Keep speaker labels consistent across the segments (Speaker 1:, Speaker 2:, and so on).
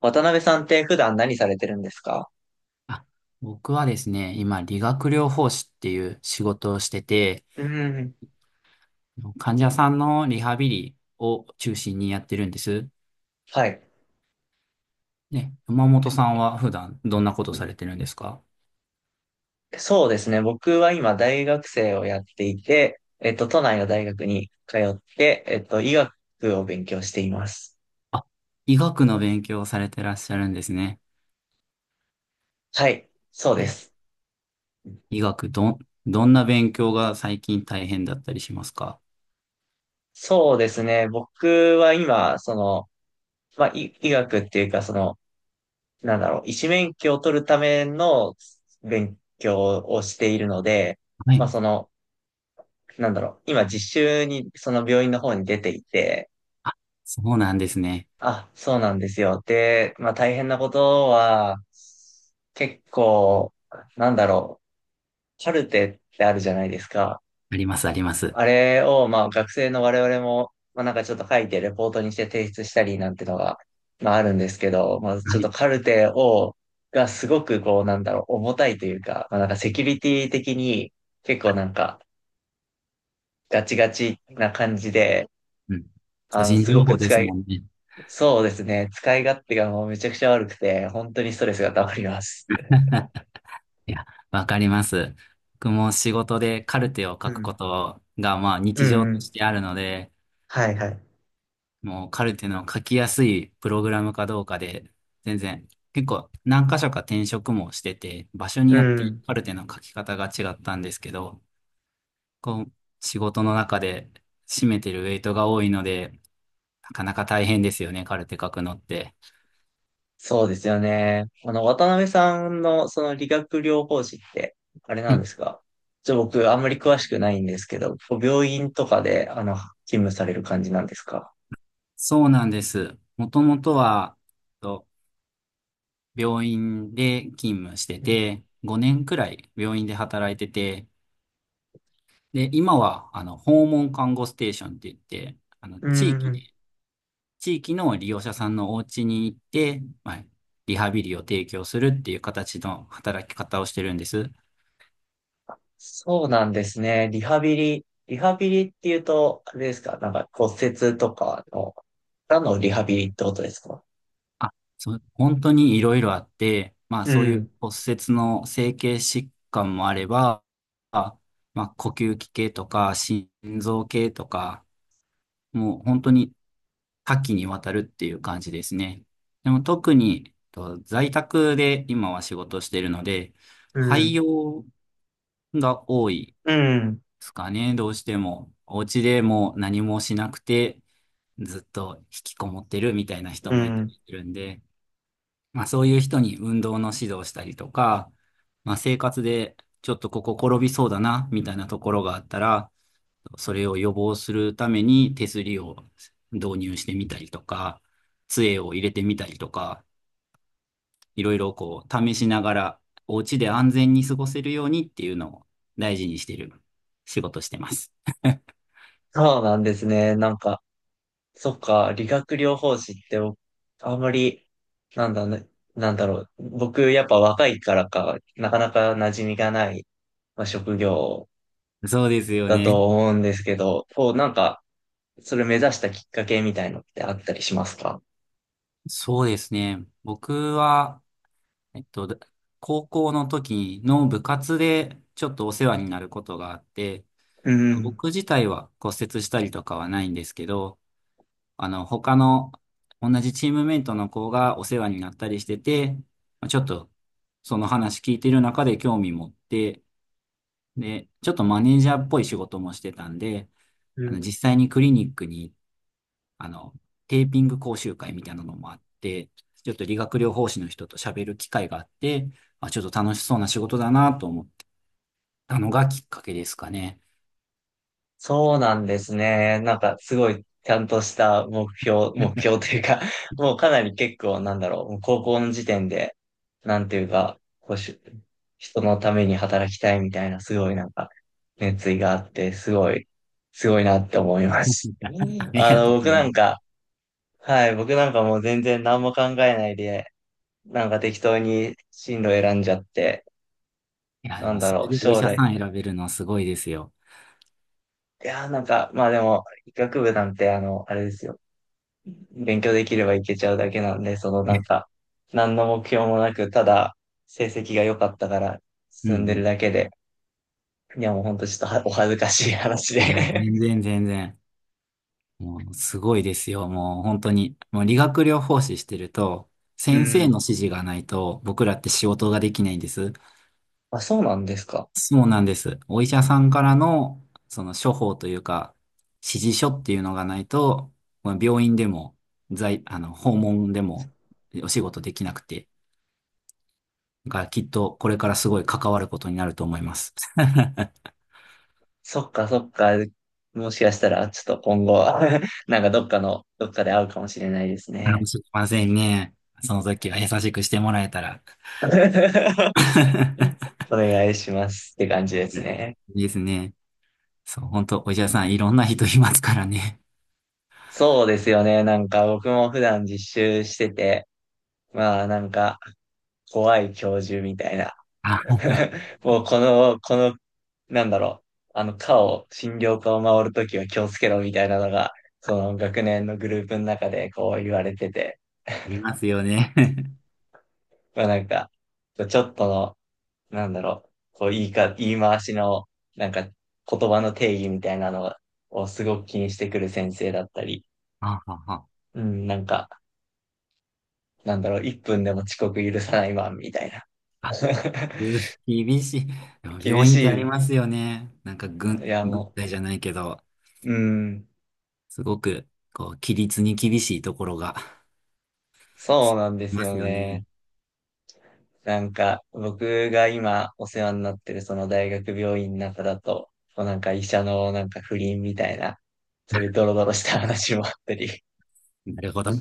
Speaker 1: 渡辺さんって普段何されてるんですか？
Speaker 2: あ、僕はですね、今、理学療法士っていう仕事をしてて、
Speaker 1: うん。
Speaker 2: 患者さんのリハビリを中心にやってるんです。
Speaker 1: はい。
Speaker 2: ね、山本さんは普段どんなことされてるんですか？
Speaker 1: そうですね。僕は今大学生をやっていて、都内の大学に通って、医学を勉強しています。
Speaker 2: あ、医学の勉強をされてらっしゃるんですね。
Speaker 1: はい。そうで
Speaker 2: え、
Speaker 1: す。
Speaker 2: 医学どんな勉強が最近大変だったりしますか？
Speaker 1: そうですね。僕は今、まあ、医学っていうか、なんだろう、医師免許を取るための勉強をしているので、
Speaker 2: は
Speaker 1: ま
Speaker 2: い。
Speaker 1: あ、なんだろう、今実習に、その病院の方に出ていて、
Speaker 2: あ、そうなんですね。
Speaker 1: あ、そうなんですよ。で、まあ大変なことは、結構、なんだろう、カルテってあるじゃないですか。
Speaker 2: あります、あります。
Speaker 1: あれを、まあ学生の我々も、まあなんかちょっと書いてレポートにして提出したりなんてのが、まああるんですけど、まあ
Speaker 2: は
Speaker 1: ちょっ
Speaker 2: い。
Speaker 1: とカルテを、がすごくこう、なんだろう、重たいというか、まあなんかセキュリティ的に結構なんかガチガチな感じで、
Speaker 2: うん。個
Speaker 1: あの、
Speaker 2: 人
Speaker 1: す
Speaker 2: 情
Speaker 1: ごく
Speaker 2: 報です
Speaker 1: 使
Speaker 2: も
Speaker 1: い
Speaker 2: んね。
Speaker 1: そうですね。使い勝手がもうめちゃくちゃ悪くて、本当にストレスが溜まります。
Speaker 2: いや、わかります。僕も仕事でカルテを
Speaker 1: う
Speaker 2: 書く
Speaker 1: ん。
Speaker 2: ことが、まあ
Speaker 1: う
Speaker 2: 日常
Speaker 1: んう
Speaker 2: とし
Speaker 1: ん。
Speaker 2: てあるので、
Speaker 1: はいはい。
Speaker 2: もうカルテの書きやすいプログラムかどうかで、全然、結構何箇所か転職もしてて、場所に
Speaker 1: う
Speaker 2: よって
Speaker 1: ん。
Speaker 2: カルテの書き方が違ったんですけど、こう、仕事の中で占めてるウェイトが多いので、なかなか大変ですよね、カルテ書くのって。
Speaker 1: そうですよね。渡辺さんのその理学療法士って、あれ
Speaker 2: は
Speaker 1: なん
Speaker 2: い、
Speaker 1: ですか？僕、あんまり詳しくないんですけど、こう病院とかで、勤務される感じなんですか？
Speaker 2: そうなんです。もともとは、病院で勤務して
Speaker 1: うん。
Speaker 2: て、5年くらい病院で働いてて、で、今は、訪問看護ステーションって言って、
Speaker 1: うん。
Speaker 2: 地域の利用者さんのお家に行って、まあ、リハビリを提供するっていう形の働き方をしてるんです。
Speaker 1: そうなんですね。リハビリっていうと、あれですかなんか骨折とかの、からのリハビリってことですか？
Speaker 2: あ、そう、本当にいろいろあって、まあ、
Speaker 1: う
Speaker 2: そういう
Speaker 1: ん。
Speaker 2: 骨折の整形疾患もあれば、あまあ、呼吸器系とか、心臓系とか、もう本当に多岐にわたるっていう感じですね。でも特にと在宅で今は仕事してるので、
Speaker 1: う
Speaker 2: 廃
Speaker 1: ん。
Speaker 2: 業が多い
Speaker 1: うん。
Speaker 2: ですかね、どうしても。お家でもう何もしなくて、ずっと引きこもってるみたいな人
Speaker 1: う
Speaker 2: もい
Speaker 1: ん。
Speaker 2: るんで、まあそういう人に運動の指導したりとか、まあ生活でちょっとここ転びそうだな、みたいなところがあったら、それを予防するために手すりを導入してみたりとか、杖を入れてみたりとか、いろいろこう試しながら、お家で安全に過ごせるようにっていうのを大事にしてる仕事してます。
Speaker 1: そうなんですね。なんか、そっか、理学療法士って僕、あんまり、なんだね、なんだろう。僕、やっぱ若いからか、なかなか馴染みがない、まあ、職業
Speaker 2: そうですよ
Speaker 1: だ
Speaker 2: ね。
Speaker 1: と思うんですけど、こう、なんか、それ目指したきっかけみたいのってあったりしますか？
Speaker 2: そうですね。僕は、えっと、高校の時の部活でちょっとお世話になることがあって、
Speaker 1: うん。
Speaker 2: 僕自体は骨折したりとかはないんですけど、他の同じチームメイトの子がお世話になったりしてて、まあちょっとその話聞いてる中で興味持って、で、ちょっとマネージャーっぽい仕事もしてたんで、実際にクリニックに、あの、テーピング講習会みたいなのもあって、ちょっと理学療法士の人と喋る機会があって、まあ、ちょっと楽しそうな仕事だなと思ってたのがきっかけですかね。
Speaker 1: そうなんですね。なんかすごいちゃんとした目標というか、もうかなり結構なんだろう、もう高校の時点で、なんていうか、こうし、人のために働きたいみたいな、すごいなんか、熱意があって、すごい、すごいなって思います。
Speaker 2: あり
Speaker 1: あ
Speaker 2: がと
Speaker 1: の、
Speaker 2: うご
Speaker 1: 僕
Speaker 2: ざ
Speaker 1: な
Speaker 2: いま
Speaker 1: ん
Speaker 2: す。
Speaker 1: か、はい、僕なんかもう全然何も考えないで、なんか適当に進路選んじゃって、
Speaker 2: いや、で
Speaker 1: なん
Speaker 2: も
Speaker 1: だ
Speaker 2: そ
Speaker 1: ろ
Speaker 2: れ
Speaker 1: う、
Speaker 2: でお医
Speaker 1: 将
Speaker 2: 者
Speaker 1: 来。
Speaker 2: さん選べるのはすごいですよ。
Speaker 1: いやー、なんか、まあでも、医学部なんて、あれですよ。勉強できればいけちゃうだけなんで、なんか、何の目標もなく、ただ成績が良かったから
Speaker 2: うん
Speaker 1: 進んで
Speaker 2: う
Speaker 1: る
Speaker 2: ん。
Speaker 1: だけで、いやもうほんとちょっとはお恥ずかしい話
Speaker 2: いや、
Speaker 1: で
Speaker 2: 全然全然。もう、すごいですよ。もう、本当に。もう、理学療法士してると、
Speaker 1: う
Speaker 2: 先生の
Speaker 1: ん。
Speaker 2: 指示がないと、僕らって仕事ができないんです。
Speaker 1: あ、そうなんですか。
Speaker 2: そうなんです。お医者さんからの、その処方というか、指示書っていうのがないと、まあ病院でも、在、あの、訪問でも、お仕事できなくて。だから、きっと、これからすごい関わることになると思います。
Speaker 1: そっかそっか。もしかしたら、ちょっと今後、なんかどっかで会うかもしれないです
Speaker 2: かも
Speaker 1: ね。
Speaker 2: しれませんね。その時は優しくしてもらえたら。
Speaker 1: お願いしますって感じです
Speaker 2: はい。
Speaker 1: ね。
Speaker 2: いいですね。そう、本当お医者さん、いろんな人いますからね。
Speaker 1: そうですよね。なんか僕も普段実習してて、まあなんか、怖い教授みたいな。
Speaker 2: あ、
Speaker 1: もうこの、なんだろう、診療科を回るときは気をつけろみたいなのが、その学年のグループの中でこう言われてて、
Speaker 2: いますよね。
Speaker 1: まあなんか、ちょっとの、なんだろう、こう言い回しの、なんか、言葉の定義みたいなのをすごく気にしてくる先生だったり、
Speaker 2: あ、あ、あ。
Speaker 1: うん、なんか、なんだろう、1分でも遅刻許さないマンみたいな。
Speaker 2: あうー 厳しい。でも
Speaker 1: 厳
Speaker 2: 病院ってあ
Speaker 1: し
Speaker 2: り
Speaker 1: い。
Speaker 2: ますよね。なんか
Speaker 1: いや、
Speaker 2: 軍
Speaker 1: も
Speaker 2: 隊じゃないけど、
Speaker 1: う、うん、
Speaker 2: すごく、規律に厳しいところが、
Speaker 1: そ
Speaker 2: そ
Speaker 1: うなんで
Speaker 2: うい
Speaker 1: す
Speaker 2: ま
Speaker 1: よ
Speaker 2: すよね。
Speaker 1: ね。なんか、僕が今お世話になってるその大学病院の中だと、こうなんか医者のなんか不倫みたいな、そういうドロドロした話もあったり、
Speaker 2: なるほど。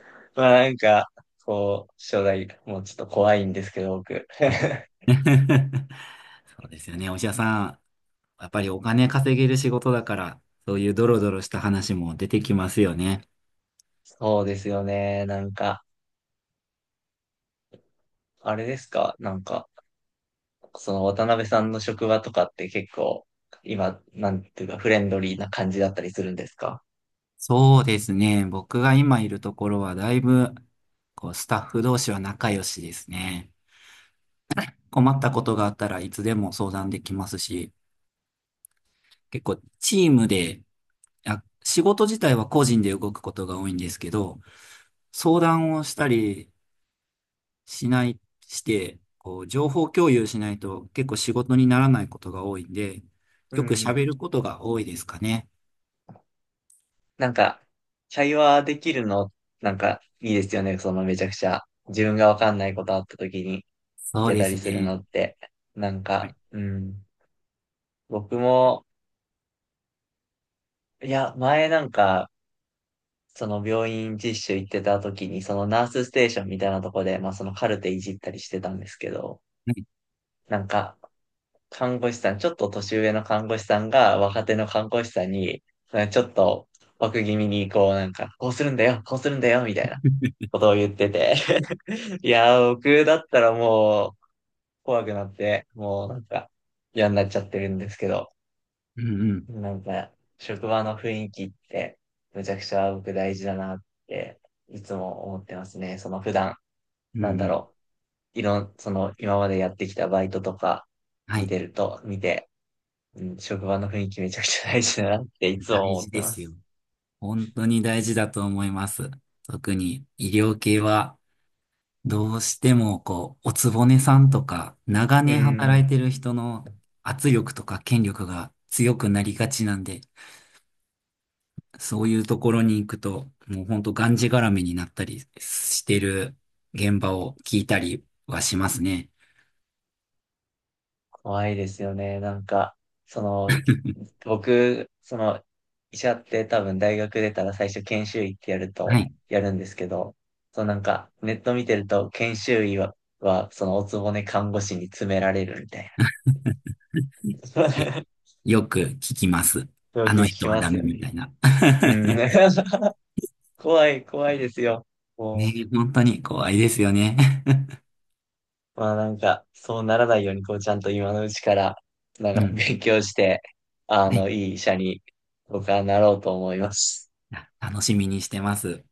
Speaker 1: まあなんか、こう、将来もうちょっと怖いんですけど、僕。
Speaker 2: うん。 そうですよね。お医者さん、やっぱりお金稼げる仕事だから、そういうドロドロした話も出てきますよね。
Speaker 1: そうですよね。なんか、あれですかなんか、その渡辺さんの職場とかって結構、今、なんていうか、フレンドリーな感じだったりするんですか？
Speaker 2: そうですね。僕が今いるところはだいぶ、スタッフ同士は仲良しですね。困ったことがあったらいつでも相談できますし、結構チームで、あ、仕事自体は個人で動くことが多いんですけど、相談をしたりしない、して、情報共有しないと結構仕事にならないことが多いんで、
Speaker 1: う
Speaker 2: よく
Speaker 1: ん。
Speaker 2: 喋ることが多いですかね。
Speaker 1: なんか、会話できるの、なんか、いいですよね。そのめちゃくちゃ、自分がわかんないことあった時に聞
Speaker 2: そう
Speaker 1: け
Speaker 2: で
Speaker 1: た
Speaker 2: す
Speaker 1: りするの
Speaker 2: ね。
Speaker 1: って。なん
Speaker 2: は
Speaker 1: か、
Speaker 2: い。
Speaker 1: うん。僕も、いや、前なんか、その病院実習行ってた時に、そのナースステーションみたいなとこで、まあそのカルテいじったりしてたんですけど、
Speaker 2: はい。
Speaker 1: なんか、看護師さん、ちょっと年上の看護師さんが若手の看護師さんに、なんかちょっと枠気味にこうなんか、こうするんだよ、こうするんだよ、みたいな ことを言ってて。いやー、僕だったらもう怖くなって、もうなんか嫌になっちゃってるんですけど、
Speaker 2: うんうん。
Speaker 1: なんか職場の雰囲気ってむちゃくちゃ僕大事だなっていつも思ってますね。その普段、
Speaker 2: う
Speaker 1: なん
Speaker 2: んう
Speaker 1: だ
Speaker 2: ん。
Speaker 1: ろう、いろん、その今までやってきたバイトとか
Speaker 2: は
Speaker 1: 見
Speaker 2: い。
Speaker 1: てると、うん、職場の雰囲気めちゃくちゃ大事だなっていつ
Speaker 2: 大
Speaker 1: も思っ
Speaker 2: 事
Speaker 1: て
Speaker 2: で
Speaker 1: ま
Speaker 2: すよ。
Speaker 1: す。
Speaker 2: 本当に大事だと思います。特に医療系はどうしてもおつぼねさんとか長
Speaker 1: う
Speaker 2: 年働い
Speaker 1: ん。
Speaker 2: てる人の圧力とか権力が強くなりがちなんで、そういうところに行くともう本当がんじがらめになったりしてる現場を聞いたりはしますね。
Speaker 1: 怖いですよね。なんか、その、僕、その、医者って多分大学出たら最初研修医って
Speaker 2: はい。
Speaker 1: やるんですけど、そのなんか、ネット見てると研修医はそのおつぼね看護師に詰められるみたい
Speaker 2: いや、
Speaker 1: な。
Speaker 2: よく聞きます。
Speaker 1: よ
Speaker 2: あ
Speaker 1: く
Speaker 2: の
Speaker 1: 聞
Speaker 2: 人
Speaker 1: き
Speaker 2: は
Speaker 1: ま
Speaker 2: ダ
Speaker 1: す
Speaker 2: メ
Speaker 1: よ
Speaker 2: み
Speaker 1: ね。
Speaker 2: たいな。
Speaker 1: うん。怖い、怖いですよ。も
Speaker 2: ねえ、
Speaker 1: う
Speaker 2: 本当に怖いですよね。
Speaker 1: まあなんか、そうならないように、こう、ちゃんと今のうちから、な ん
Speaker 2: う
Speaker 1: か
Speaker 2: ん。
Speaker 1: 勉強して、
Speaker 2: はい。
Speaker 1: いい医者に僕はなろうと思います。
Speaker 2: いや、楽しみにしてます。